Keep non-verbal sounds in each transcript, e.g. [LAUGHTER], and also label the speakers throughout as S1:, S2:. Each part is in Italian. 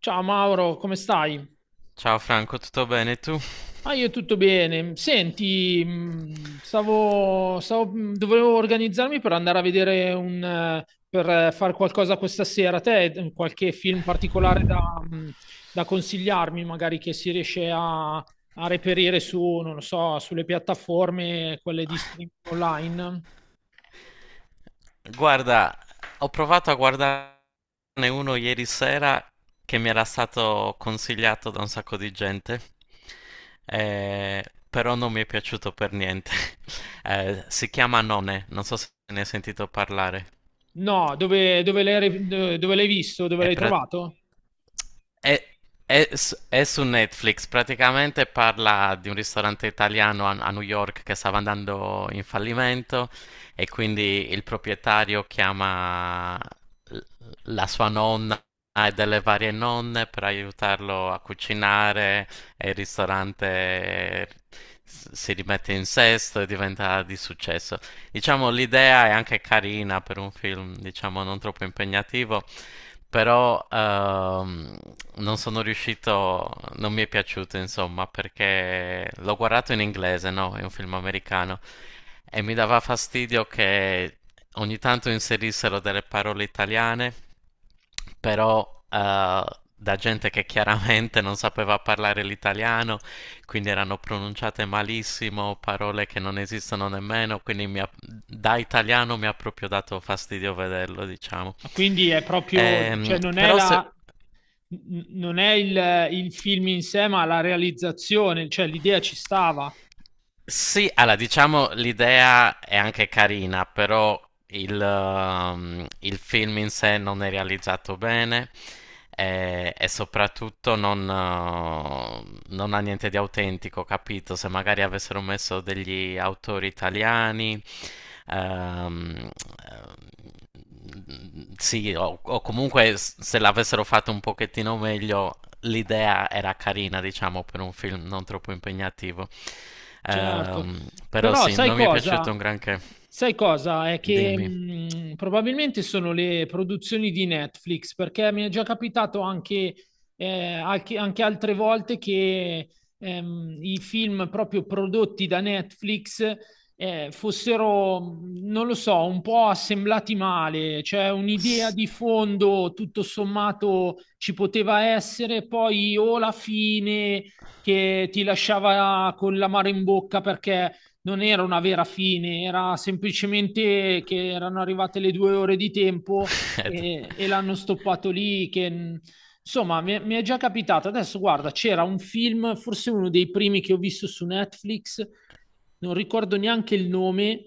S1: Ciao Mauro, come stai?
S2: Ciao Franco, tutto bene tu?
S1: Ah, io tutto bene. Senti, dovevo organizzarmi per andare a vedere per fare qualcosa questa sera. Te, qualche film particolare da, mh, da consigliarmi, magari che si riesce a reperire su, non lo so, sulle piattaforme, quelle di streaming online?
S2: Guarda, ho provato a guardarne uno ieri sera che mi era stato consigliato da un sacco di gente, eh, però non mi è piaciuto per niente. [LAUGHS] Si chiama None, non so se ne hai sentito parlare.
S1: No, dove l'hai visto? Dove
S2: È,
S1: l'hai
S2: pra-
S1: trovato?
S2: è- è su Netflix, praticamente parla di un ristorante italiano a New York che stava andando in fallimento. E quindi il proprietario chiama la sua nonna e delle varie nonne per aiutarlo a cucinare e il ristorante si rimette in sesto e diventa di successo. Diciamo l'idea è anche carina per un film, diciamo non troppo impegnativo, però non sono riuscito, non mi è piaciuto insomma perché l'ho guardato in inglese, no? È un film americano e mi dava fastidio che ogni tanto inserissero delle parole italiane, però eh, da gente che chiaramente non sapeva parlare l'italiano, quindi erano pronunciate malissimo, parole che non esistono nemmeno, quindi da italiano mi ha proprio dato fastidio vederlo, diciamo.
S1: Ma quindi è proprio, cioè non è
S2: Però se,
S1: non è il film in sé, ma la realizzazione, cioè l'idea ci stava.
S2: Sì, allora diciamo l'idea è anche carina, però il film in sé non è realizzato bene, soprattutto non ha niente di autentico, capito? Se magari avessero messo degli autori italiani, ehm, sì, o, o se l'avessero fatto un pochettino meglio, l'idea era carina, diciamo, per un film non troppo impegnativo.
S1: Certo,
S2: Però
S1: però
S2: sì,
S1: sai
S2: non mi è piaciuto
S1: cosa?
S2: un granché.
S1: Sai cosa? È che
S2: Dimmi.
S1: probabilmente sono le produzioni di Netflix, perché mi è già capitato anche, anche altre volte che i film proprio prodotti da Netflix fossero, non lo so, un po' assemblati male, cioè un'idea
S2: S-
S1: di fondo tutto sommato ci poteva essere, poi o la fine che ti lasciava con l'amaro in bocca perché non era una vera fine, era semplicemente che erano arrivate le 2 ore di tempo
S2: [LAUGHS] Ed,
S1: e l'hanno stoppato lì. Che, insomma, mi è già capitato. Adesso, guarda, c'era un film, forse uno dei primi che ho visto su Netflix, non ricordo neanche il nome,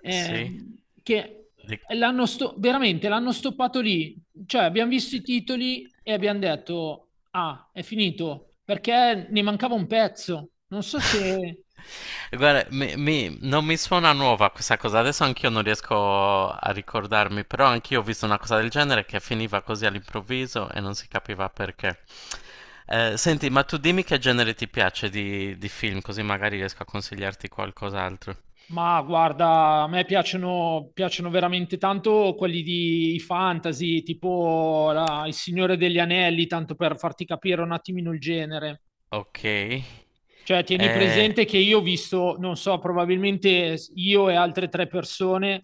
S1: eh,
S2: sì?
S1: che
S2: Di-
S1: veramente l'hanno stoppato lì. Cioè, abbiamo visto i titoli e abbiamo detto: ah, è finito perché ne mancava un pezzo. Non so se...
S2: [LAUGHS] Guarda, non mi suona nuova questa cosa, adesso anch'io non riesco a ricordarmi, però anch'io ho visto una cosa del genere che finiva così all'improvviso e non si capiva perché. Senti, ma tu dimmi che genere ti piace di film, così magari riesco a consigliarti qualcos'altro.
S1: Ma guarda, a me piacciono, piacciono veramente tanto quelli di fantasy, tipo Il Signore degli Anelli, tanto per farti capire un attimino il genere.
S2: Ok.
S1: Cioè, tieni
S2: Eh,
S1: presente che io ho visto, non so, probabilmente io e altre tre persone,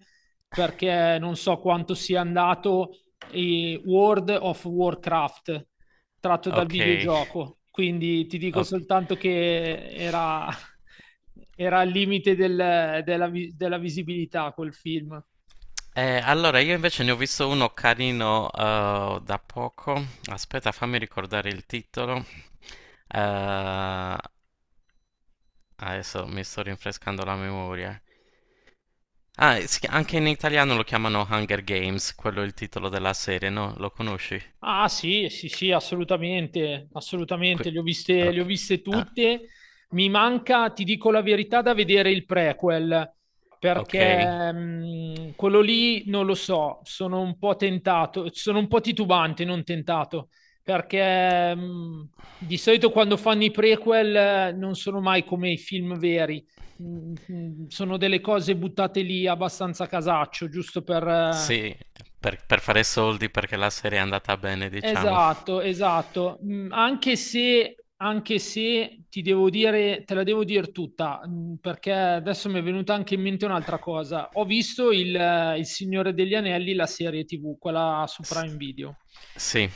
S1: perché non so quanto sia andato, World of Warcraft, tratto dal
S2: ok,
S1: videogioco. Quindi ti dico
S2: ok.
S1: soltanto che era, [LAUGHS] era al limite della visibilità quel film.
S2: Allora, io invece ne ho visto uno carino da poco. Aspetta, fammi ricordare il titolo. Eh, Adesso mi sto rinfrescando la memoria. Ah, anche in italiano lo chiamano Hunger Games, quello è il titolo della serie, no? Lo conosci?
S1: Ah sì, sì, sì, assolutamente, assolutamente,
S2: Que-
S1: le ho
S2: ok.
S1: viste
S2: Ah,
S1: tutte. Mi manca, ti dico la verità, da vedere il prequel,
S2: ok.
S1: perché quello lì non lo so, sono un po' tentato, sono un po' titubante, non tentato, perché di solito quando fanno i prequel non sono mai come i film veri. Sono delle cose buttate lì abbastanza a casaccio, giusto per...
S2: Sì, per fare soldi perché la serie è andata bene, diciamo.
S1: esatto, esatto. Mm, anche se, anche se ti devo dire, te la devo dire tutta, mm, perché adesso mi è venuta anche in mente un'altra cosa. Ho visto il Signore degli Anelli, la serie TV, quella su
S2: S-
S1: Prime Video.
S2: sì,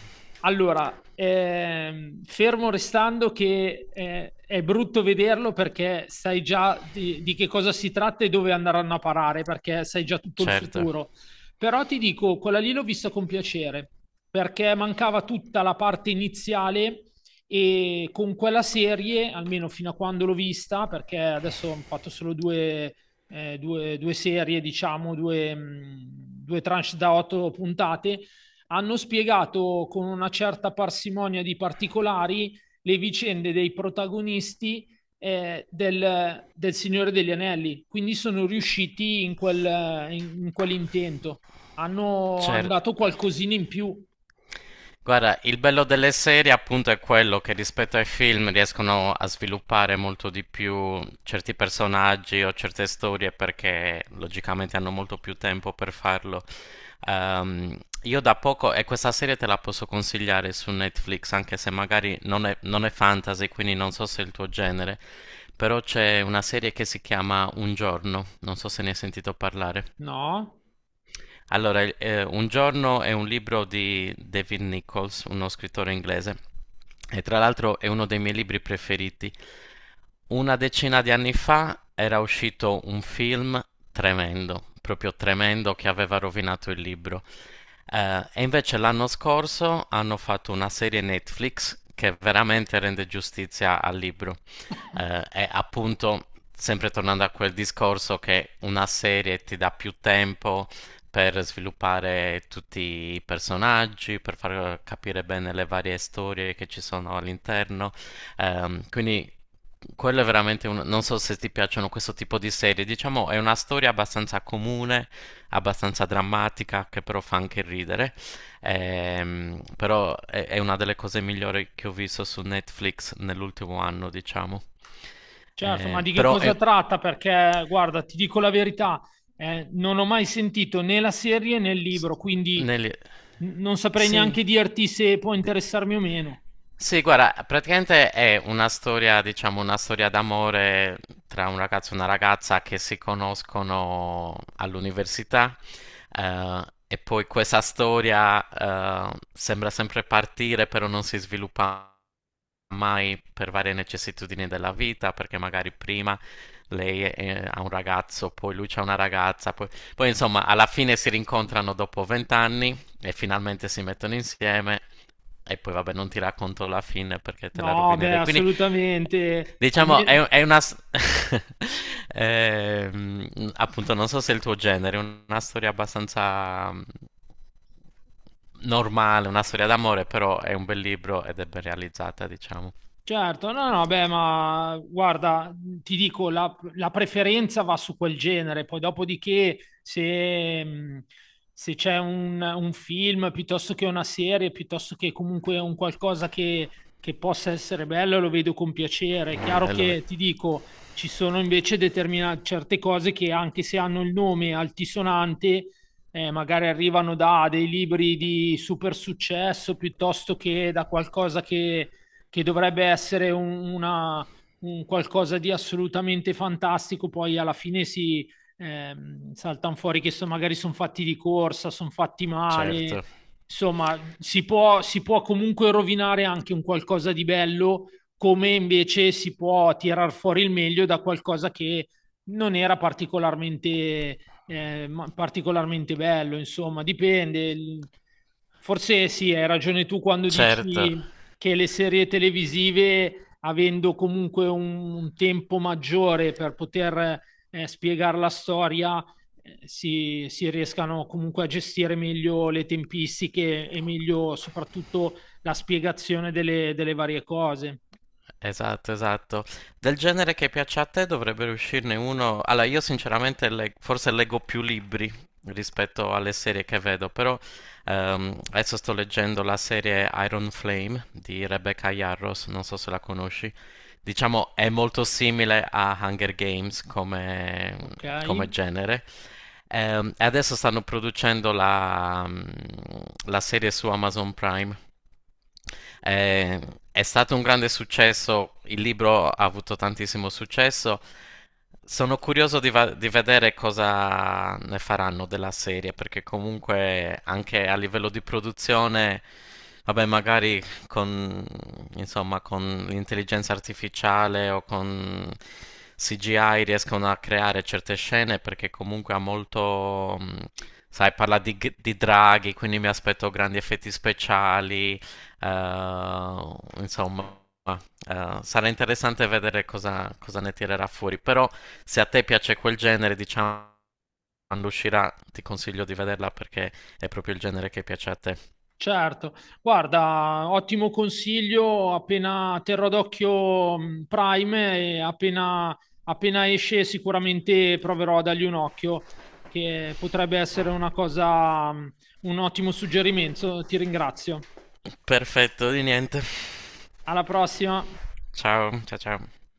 S1: Allora, fermo restando che è brutto vederlo perché sai già di che cosa si tratta e dove andranno a parare, perché sai già tutto il
S2: certo.
S1: futuro. Però ti dico, quella lì l'ho vista con piacere perché mancava tutta la parte iniziale e con quella serie, almeno fino a quando l'ho vista, perché adesso ho fatto solo due, due serie, diciamo, due, due tranche da 8 puntate, hanno spiegato con una certa parsimonia di particolari le vicende dei protagonisti del Signore degli Anelli, quindi sono riusciti in quell'intento, hanno, hanno dato qualcosina in più.
S2: Guarda, il bello delle serie appunto è quello che rispetto ai film riescono a sviluppare molto di più certi personaggi o certe storie perché logicamente hanno molto più tempo per farlo. Io da poco, e questa serie te la posso consigliare su Netflix, anche se magari non è fantasy, quindi non so se è il tuo genere, però c'è una serie che si chiama Un giorno, non so se ne hai sentito parlare.
S1: No,
S2: Allora, Un giorno è un libro di David Nichols, uno scrittore inglese, e tra l'altro è uno dei miei libri preferiti. Una decina di anni fa era uscito un film tremendo, proprio tremendo, che aveva rovinato il libro. Invece l'anno scorso hanno fatto una serie Netflix che veramente rende giustizia al libro. Appunto, sempre tornando a quel discorso che una serie ti dà più tempo per sviluppare tutti i personaggi, per far capire bene le varie storie che ci sono all'interno. Quindi quello è veramente un... Non so se ti piacciono questo tipo di serie, diciamo è una storia abbastanza comune, abbastanza drammatica, che però fa anche ridere. Però è una delle cose migliori che ho visto su Netflix nell'ultimo anno, diciamo.
S1: certo, ma
S2: Ehm,
S1: di che
S2: però
S1: cosa
S2: è...
S1: tratta? Perché, guarda, ti dico la verità, non ho mai sentito né la serie né il
S2: S-
S1: libro, quindi
S2: Nelly...
S1: non saprei
S2: Sì.
S1: neanche dirti se può
S2: Di-
S1: interessarmi o meno.
S2: Sì, guarda, praticamente è una storia, diciamo, una storia d'amore tra un ragazzo e una ragazza che si conoscono all'università. eh, e poi questa storia, sembra sempre partire, però non si sviluppa mai per varie necessitudini della vita, perché magari prima ha un ragazzo, poi lui c'ha una ragazza, poi... Poi insomma, alla fine si rincontrano dopo vent'anni e finalmente si mettono insieme. E poi vabbè, non ti racconto la fine perché te la
S1: No, beh,
S2: rovinerei. Quindi
S1: assolutamente.
S2: diciamo, è, [LAUGHS] Ehm, Appunto, non so se è il tuo genere, è una storia abbastanza normale, una storia d'amore, però è un bel libro ed è ben realizzata, diciamo.
S1: Certo, no, no, beh, ma guarda, ti dico, la preferenza va su quel genere, poi dopodiché se, se c'è un film piuttosto che una serie, piuttosto che comunque un qualcosa che possa essere bello, lo vedo con piacere. È
S2: Mm,
S1: chiaro
S2: bello-
S1: che ti dico, ci sono invece determinate certe cose che anche se hanno il nome altisonante, magari arrivano da dei libri di super successo piuttosto che da qualcosa che dovrebbe essere un qualcosa di assolutamente fantastico, poi alla fine si eh, saltano fuori che so, magari sono fatti di corsa, sono fatti male,
S2: Certo,
S1: insomma si può comunque rovinare anche un qualcosa di bello, come invece si può tirar fuori il meglio da qualcosa che non era particolarmente particolarmente bello, insomma, dipende. Forse sì, hai ragione tu quando
S2: certo.
S1: dici che le serie televisive, avendo comunque un tempo maggiore per poter spiegare la storia, si riescano comunque a gestire meglio le tempistiche e meglio soprattutto la spiegazione delle varie cose.
S2: Esatto, esatto. Del genere che piaccia a te dovrebbe uscirne uno. Allora, io sinceramente forse leggo più libri rispetto alle serie che vedo, però adesso sto leggendo la serie Iron Flame di Rebecca Yarros, non so se la conosci. Diciamo, è molto simile a Hunger Games come,
S1: Ok.
S2: come genere. E adesso stanno producendo la serie su Amazon Prime. Eh, è stato un grande successo, il libro ha avuto tantissimo successo. Sono curioso di vedere cosa ne faranno della serie, perché comunque anche a livello di produzione, vabbè, magari con, insomma, con l'intelligenza artificiale o con CGI riescono a creare certe scene, perché comunque ha molto, sai, parla di draghi, quindi mi aspetto grandi effetti speciali, insomma. Sarà interessante vedere cosa, cosa ne tirerà fuori, però se a te piace quel genere, diciamo, quando uscirà ti consiglio di vederla perché è proprio il genere che piace a te.
S1: Certo, guarda, ottimo consiglio, appena terrò d'occhio Prime e appena, appena esce sicuramente proverò a dargli un occhio, che potrebbe essere una cosa, un ottimo suggerimento. Ti ringrazio.
S2: Perfetto, di niente.
S1: Alla prossima.
S2: Ciao, ciao, ciao.